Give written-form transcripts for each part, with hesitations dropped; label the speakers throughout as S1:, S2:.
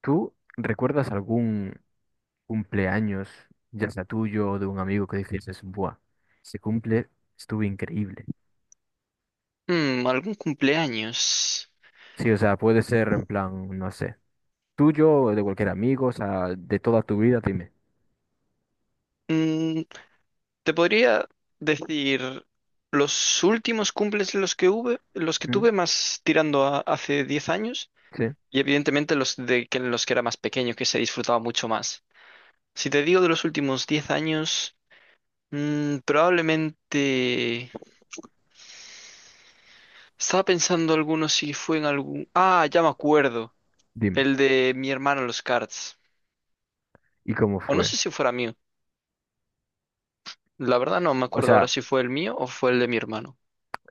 S1: ¿Tú recuerdas algún cumpleaños, ya sea tuyo o de un amigo que dices, buah, se cumple, estuvo increíble?
S2: Mm, algún cumpleaños.
S1: Sí, o sea, puede ser en plan, no sé, tuyo o de cualquier amigo, o sea, de toda tu vida, dime.
S2: Mm, te podría decir los últimos cumples los que
S1: ¿Mm?
S2: tuve más tirando a hace 10 años
S1: Sí,
S2: y evidentemente los de que en los que era más pequeño que se disfrutaba mucho más. Si te digo de los últimos 10 años, probablemente estaba pensando algunos si fue en algún... Ah, ya me acuerdo,
S1: dime.
S2: el de mi hermano en los karts.
S1: ¿Y cómo
S2: O no
S1: fue?
S2: sé si fuera mío. La verdad no me
S1: O
S2: acuerdo
S1: sea,
S2: ahora si fue el mío o fue el de mi hermano.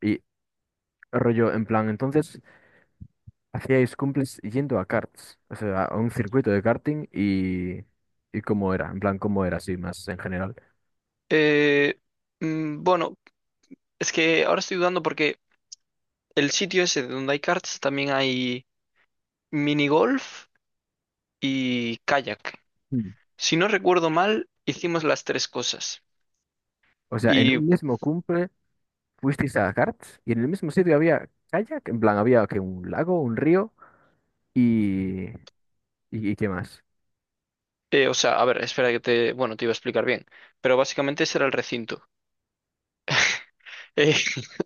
S1: y rollo, en plan, entonces, hacíais cumples yendo a karts, o sea, a un circuito de karting y cómo era, en plan, cómo era así más en general.
S2: Eh, bueno, es que ahora estoy dudando porque el sitio ese donde hay karts también hay mini golf y kayak.
S1: Mm.
S2: Si no recuerdo mal, hicimos las tres cosas.
S1: O sea, en
S2: Y,
S1: un mismo cumple. Fuisteis a Gartz y en el mismo sitio había kayak, en plan había que un lago, un río y, y qué más.
S2: o sea, a ver, espera que te, bueno, te iba a explicar bien, pero básicamente ese era el recinto.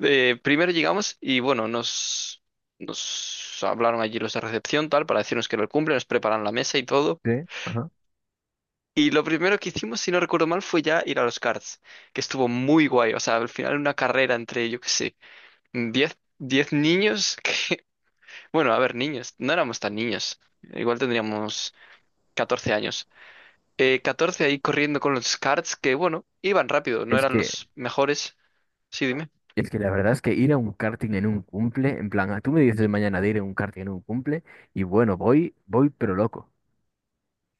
S2: Primero llegamos y, bueno, nos hablaron allí los de recepción, tal, para decirnos que era el cumple, nos preparan la mesa y todo.
S1: Sí, ajá.
S2: Y lo primero que hicimos, si no recuerdo mal, fue ya ir a los karts, que estuvo muy guay. O sea, al final una carrera entre, yo qué sé, diez niños que, bueno, a ver, niños, no éramos tan niños, igual tendríamos 14 años. 14 ahí corriendo con los karts que, bueno, iban rápido, no
S1: Es
S2: eran
S1: que,
S2: los mejores. Sí, dime.
S1: es que la verdad es que ir a un karting en un cumple, en plan, ah, tú me dices mañana de ir a un karting en un cumple y bueno, voy, voy pero loco.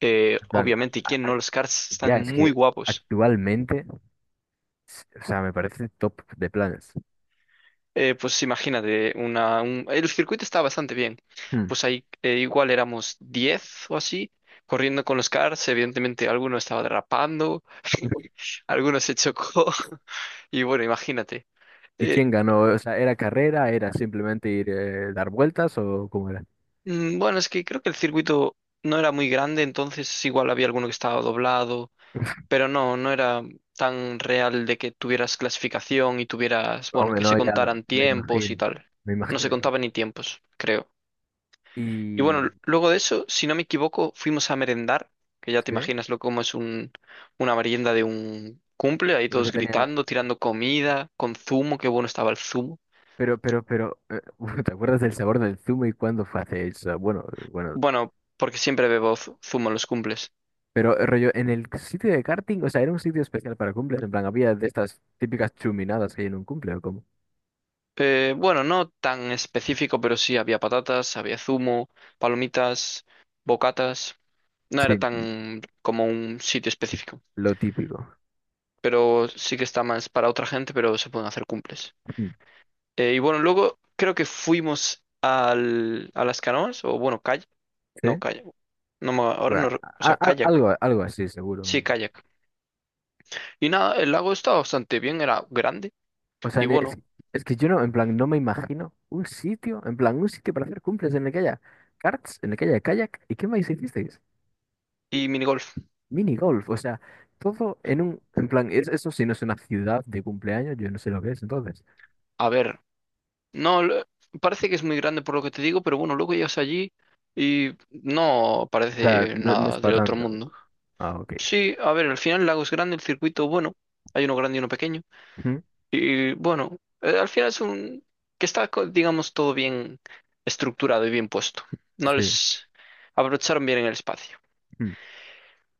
S2: Eh,
S1: En plan,
S2: obviamente, ¿y
S1: a-
S2: quién
S1: a-
S2: no? Los karts
S1: ya
S2: están
S1: es
S2: muy
S1: que
S2: guapos.
S1: actualmente, o sea, me parece top de planes.
S2: Pues imagínate, el circuito está bastante bien.
S1: Hmm.
S2: Pues ahí igual éramos 10 o así, corriendo con los cars. Evidentemente, alguno estaba derrapando, alguno se chocó. Y bueno, imagínate.
S1: ¿Y
S2: Eh,
S1: quién ganó? O sea, ¿era carrera? ¿Era simplemente ir dar vueltas o cómo era?
S2: bueno, es que creo que el circuito no era muy grande, entonces igual había alguno que estaba doblado, pero no, no era tan real de que tuvieras clasificación y tuvieras,
S1: No,
S2: bueno, que se
S1: no, ya no,
S2: contaran
S1: me
S2: tiempos
S1: imagino,
S2: y tal.
S1: me
S2: No se
S1: imagino.
S2: contaba ni tiempos, creo. Y bueno,
S1: Y.
S2: luego de eso, si no me equivoco, fuimos a merendar, que ya te
S1: ¿Sí?
S2: imaginas lo como es una merienda de un cumple, ahí
S1: Pero que
S2: todos
S1: tenían.
S2: gritando, tirando comida, con zumo, qué bueno estaba el zumo.
S1: Pero, ¿Te acuerdas del sabor del zumo y cuándo fue hace eso? Bueno, bueno.
S2: Bueno, porque siempre bebo zumo en los cumples.
S1: Pero, rollo, en el sitio de karting, o sea, era un sitio especial para cumples. En plan, había de estas típicas chuminadas que hay en un cumple, ¿o cómo?
S2: Bueno, no tan específico, pero sí había patatas, había zumo, palomitas, bocatas. No era
S1: Sí,
S2: tan como un sitio específico,
S1: lo típico.
S2: pero sí que está más para otra gente, pero se pueden hacer cumples.
S1: Mm.
S2: Y bueno, luego creo que fuimos a las canoas, o bueno,
S1: ¿Sí?
S2: kayak, no, ahora
S1: Buah,
S2: no, o sea, kayak,
S1: algo así,
S2: sí,
S1: seguro.
S2: kayak. Y nada, el lago estaba bastante bien, era grande,
S1: O sea,
S2: y
S1: es,
S2: bueno,
S1: es que yo no, en plan, no me imagino un sitio, en plan, un sitio para hacer cumples en el que haya karts, en el que haya kayak. ¿Y qué más hicisteis?
S2: y minigolf.
S1: Mini golf, o sea, todo en un, en plan, eso sí no es una ciudad de cumpleaños, yo no sé lo que es entonces.
S2: A ver, no, parece que es muy grande por lo que te digo, pero bueno, luego llegas allí y no
S1: O sea,
S2: parece
S1: no, no es
S2: nada del
S1: para
S2: otro
S1: tanto.
S2: mundo.
S1: Ah, ok.
S2: Sí, a ver, al final el lago es grande, el circuito, bueno, hay uno grande y uno pequeño.
S1: Ujú,
S2: Y bueno, al final es un que está, digamos, todo bien estructurado y bien puesto. No
S1: sí.
S2: les abrocharon bien en el espacio.
S1: Mm.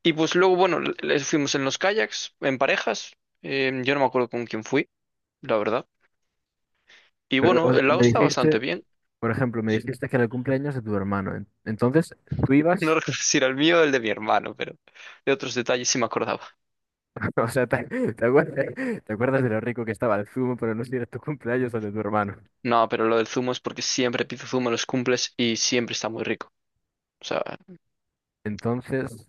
S2: Y pues luego, bueno, les fuimos en los kayaks, en parejas. Yo no me acuerdo con quién fui, la verdad. Y
S1: Pero
S2: bueno,
S1: o sea,
S2: el lago
S1: me
S2: está bastante
S1: dijiste,
S2: bien.
S1: por ejemplo, me
S2: Sí.
S1: dijiste que era el cumpleaños de tu hermano. Entonces, tú
S2: No
S1: ibas,
S2: recuerdo si era el mío o el de mi hermano, pero de otros detalles sí me acordaba.
S1: o sea, te acuerdas de lo rico que estaba el zumo, pero no sé si era tu cumpleaños o el de tu hermano.
S2: No, pero lo del zumo es porque siempre pido zumo en los cumples y siempre está muy rico. O sea,
S1: Entonces,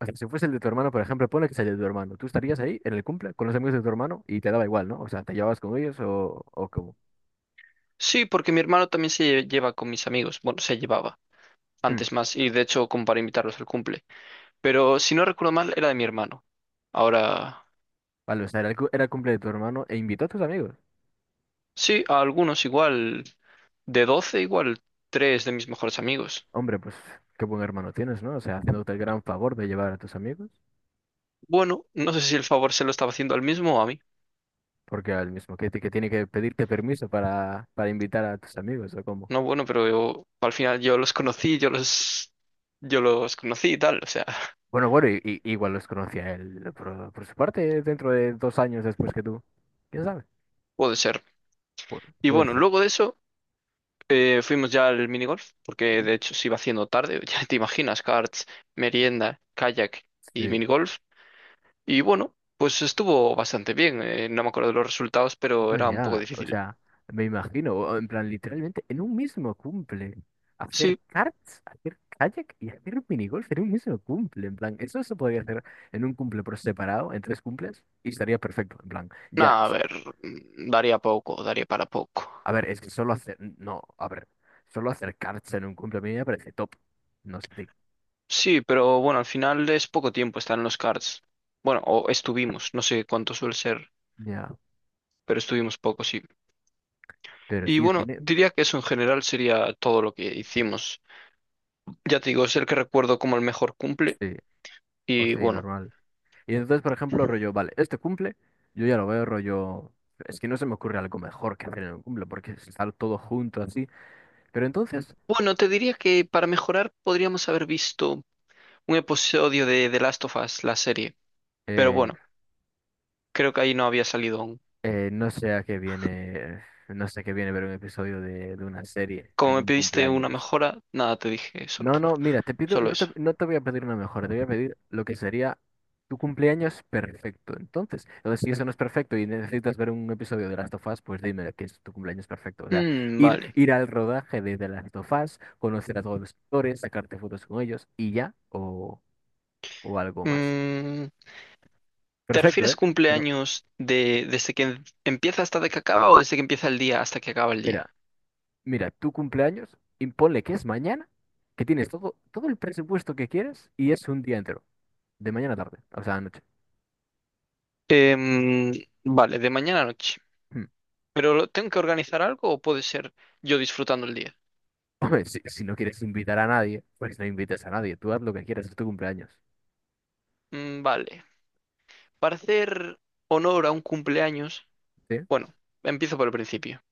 S1: o sea, si fuese el de tu hermano, por ejemplo, pone que es el de tu hermano. Tú estarías ahí en el cumple con los amigos de tu hermano y te daba igual, ¿no? O sea, te llevabas con ellos o cómo.
S2: sí, porque mi hermano también lleva con mis amigos. Bueno, se llevaba. Antes más, y de hecho como para invitarlos al cumple. Pero si no recuerdo mal, era de mi hermano. Ahora,
S1: Vale, o sea, era el, era el cumple de tu hermano e invitó a tus amigos.
S2: sí, a algunos igual, de 12 igual, tres de mis mejores amigos.
S1: Hombre, pues qué buen hermano tienes, ¿no? O sea, haciéndote el gran favor de llevar a tus amigos,
S2: Bueno, no sé si el favor se lo estaba haciendo al mismo o a mí.
S1: porque al mismo que tiene que pedirte permiso para invitar a tus amigos, ¿o cómo?
S2: No, bueno, pero al final yo los conocí, yo los conocí y tal, o sea,
S1: Bueno, bueno, y, igual los conocía él por su parte dentro de dos años después que tú. ¿Quién sabe?
S2: puede ser.
S1: Pu-
S2: Y
S1: puede
S2: bueno,
S1: ser.
S2: luego de eso fuimos ya al minigolf, porque de hecho se iba haciendo tarde, ya te imaginas, karts, merienda, kayak y
S1: Sí.
S2: minigolf. Y bueno, pues estuvo bastante bien. No me acuerdo de los resultados, pero
S1: No,
S2: era un poco
S1: ya, o
S2: difícil.
S1: sea, me imagino, en plan, literalmente, en un mismo cumple, hacer
S2: Sí,
S1: karts, hacer kayak y hacer minigolf en un mismo cumple, en plan, eso se podría hacer en un cumple por separado, en tres cumples, y estaría perfecto, en plan, ya,
S2: nada, a ver, daría poco, daría para poco.
S1: a ver, es que solo hacer, no, a ver, solo hacer karts en un cumple a mí me parece top, no sé a ti.
S2: Sí, pero bueno, al final es poco tiempo estar en los cards. Bueno, o estuvimos, no sé cuánto suele ser,
S1: Ya,
S2: pero estuvimos poco, sí.
S1: pero
S2: Y
S1: tío,
S2: bueno,
S1: tiene,
S2: diría que eso en general sería todo lo que hicimos. Ya te digo, es el que recuerdo como el mejor cumple.
S1: sí,
S2: Y
S1: hostia, y
S2: bueno,
S1: normal. Y entonces, por ejemplo, rollo, vale, este cumple, yo ya lo veo rollo, es que no se me ocurre algo mejor que hacer en un cumple, porque es estar todo junto así. Pero entonces,
S2: bueno, te diría que para mejorar podríamos haber visto un episodio de The Last of Us, la serie. Pero
S1: eh,
S2: bueno. Creo que ahí no había salido aún.
S1: no sé a qué viene, no sé a qué viene ver un episodio de una serie
S2: Como
S1: en
S2: me
S1: un
S2: pediste una
S1: cumpleaños.
S2: mejora, nada, te dije solo,
S1: No, no, mira, te pido,
S2: solo
S1: no te,
S2: eso.
S1: no te voy a pedir una mejora, te voy a pedir lo que sería tu cumpleaños perfecto. Entonces, entonces, si eso no es perfecto y necesitas ver un episodio de Last of Us, pues dime qué es tu cumpleaños perfecto. O sea,
S2: Mm,
S1: ir,
S2: vale.
S1: ir al rodaje de The Last of Us, conocer a todos los actores, sacarte fotos con ellos y ya, o algo más.
S2: Mm, ¿te
S1: Perfecto,
S2: refieres
S1: ¿eh? Pero
S2: cumpleaños desde que empieza hasta de que acaba o desde que empieza el día hasta que acaba el día?
S1: mira, mira, tu cumpleaños, imponle que es mañana, que tienes todo, todo el presupuesto que quieres y es un día entero, de mañana a tarde, o sea, anoche.
S2: Em, vale, de mañana a noche. ¿Pero tengo que organizar algo o puede ser yo disfrutando el día?
S1: Hombre, si no quieres invitar a nadie, pues no invites a nadie. Tú haz lo que quieras, es tu cumpleaños.
S2: Mm, vale. Para hacer honor a un cumpleaños,
S1: ¿Sí?
S2: bueno, empiezo por el principio.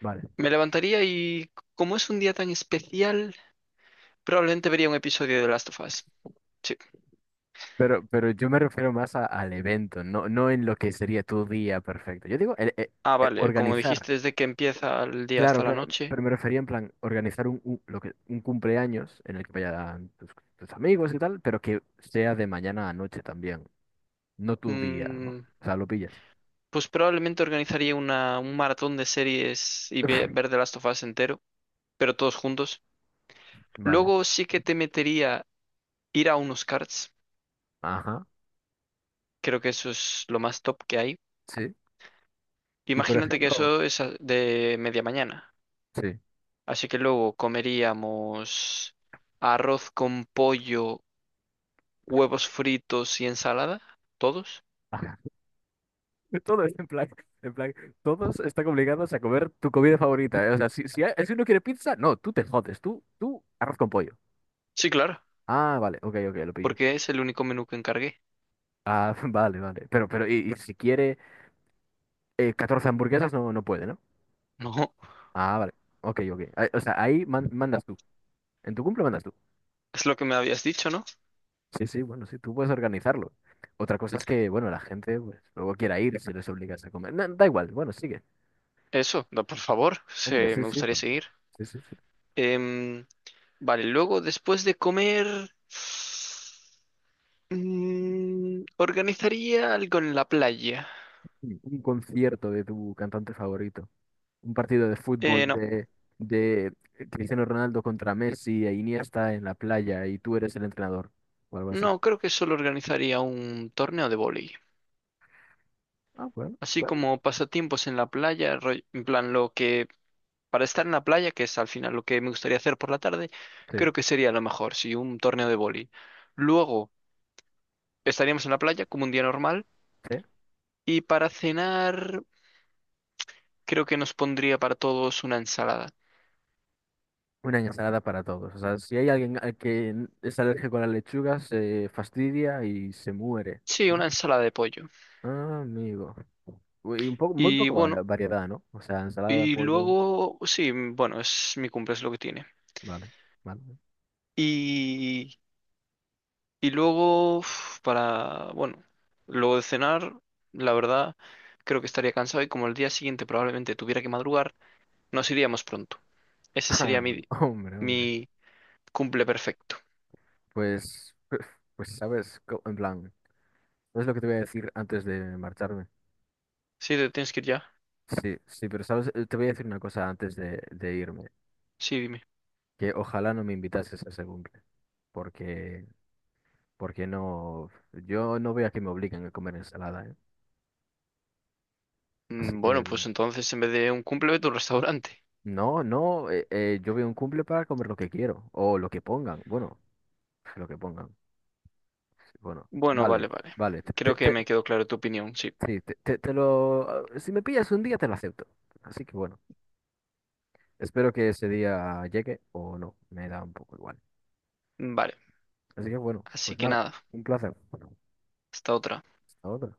S1: Vale.
S2: Me levantaría y como es un día tan especial... Probablemente vería un episodio de Last of Us. Sí.
S1: Pero yo me refiero más al evento, no, no en lo que sería tu día perfecto. Yo digo
S2: Ah, vale, como
S1: organizar.
S2: dijiste, desde que empieza el día
S1: Claro,
S2: hasta la
S1: claro.
S2: noche.
S1: Pero me refería en plan organizar un, lo que, un cumpleaños en el que vayan tus amigos y tal, pero que sea de mañana a noche también. No tu día, ¿no?
S2: mm,
S1: O sea, lo pillas.
S2: pues probablemente organizaría un maratón de series y ver The Last of Us entero, pero todos juntos.
S1: Vale.
S2: Luego sí que te metería ir a unos carts.
S1: Ajá.
S2: Creo que eso es lo más top que hay.
S1: Sí. Y por
S2: Imagínate que
S1: ejemplo,
S2: eso es de media mañana.
S1: sí.
S2: Así que luego comeríamos arroz con pollo, huevos fritos y ensalada. ¿Todos?
S1: Todo es en plan, todos están obligados a comer tu comida favorita. ¿Eh? O sea, si uno quiere pizza, no, tú te jodes, tú arroz con pollo.
S2: Sí, claro.
S1: Ah, vale, ok, ok, lo pillo.
S2: Porque es el único menú que encargué.
S1: Ah, vale, vale. Pero, y si quiere 14 hamburguesas, no, no puede, ¿no?
S2: No,
S1: Ah, vale, ok, ok. Ah, o sea, ahí mandas tú. En tu cumple mandas tú.
S2: es lo que me habías dicho, ¿no?
S1: Sí, sí, bueno, sí, tú puedes organizarlo. Otra cosa es que, bueno, la gente pues, luego quiera ir si les obligas a comer. No, da igual, bueno, sigue.
S2: Eso, por favor,
S1: Hombre, sí,
S2: me
S1: sí,
S2: gustaría seguir.
S1: sí, sí, sí.
S2: Em, vale, luego después de comer, organizaría algo en la playa.
S1: Un concierto de tu cantante favorito. Un partido de
S2: Eh,
S1: fútbol
S2: no,
S1: de Cristiano Ronaldo contra Messi e Iniesta en la playa y tú eres el entrenador o algo así.
S2: no, creo que solo organizaría un torneo de vóley.
S1: Ah, bueno,
S2: Así
S1: bueno.
S2: como pasatiempos en la playa, en plan lo que, para estar en la playa, que es al final lo que me gustaría hacer por la tarde,
S1: Sí,
S2: creo que sería lo mejor, sí, un torneo de vóley. Luego... Estaríamos en la playa como un día normal
S1: sí.
S2: y para cenar creo que nos pondría para todos una ensalada.
S1: Una ensalada para todos. O sea, si hay alguien al que es alérgico a la lechuga, se fastidia y se muere,
S2: Sí, una
S1: ¿no?
S2: ensalada de pollo.
S1: Ah, amigo. Uy, y un poco, muy
S2: Y
S1: poco
S2: bueno,
S1: variedad, ¿no? O sea, ensalada,
S2: y
S1: pollo,
S2: luego, sí, bueno, es mi cumple, es lo que tiene.
S1: vale, vale.
S2: Y, y luego, uf, bueno, luego de cenar, la verdad, creo que estaría cansado y como el día siguiente probablemente tuviera que madrugar, nos iríamos pronto. Ese
S1: Ah,
S2: sería
S1: hombre, hombre.
S2: mi cumple perfecto.
S1: Pues, pues, sabes, en plan, ¿es lo que te voy a decir antes de marcharme?
S2: Sí, te tienes que ir ya.
S1: Sí, sí, pero sabes, te voy a decir una cosa antes de irme,
S2: Sí, dime.
S1: que ojalá no me invitases a ese cumple, porque, porque no, yo no veo a que me obliguen a comer ensalada, ¿eh? Así
S2: Mm,
S1: que,
S2: Bueno, pues
S1: bueno,
S2: entonces en vez de un cumple, vete a un restaurante.
S1: no, no, yo veo un cumple para comer lo que quiero, o lo que pongan, bueno, lo que pongan, bueno,
S2: Bueno, vale,
S1: vale,
S2: vale.
S1: vale,
S2: Creo que me quedó claro tu opinión, sí.
S1: sí, te lo, si me pillas un día te lo acepto, así que bueno, espero que ese día llegue o no, me da un poco igual,
S2: Vale,
S1: así que bueno,
S2: así
S1: pues
S2: que
S1: nada,
S2: nada,
S1: un placer,
S2: hasta otra.
S1: hasta otra.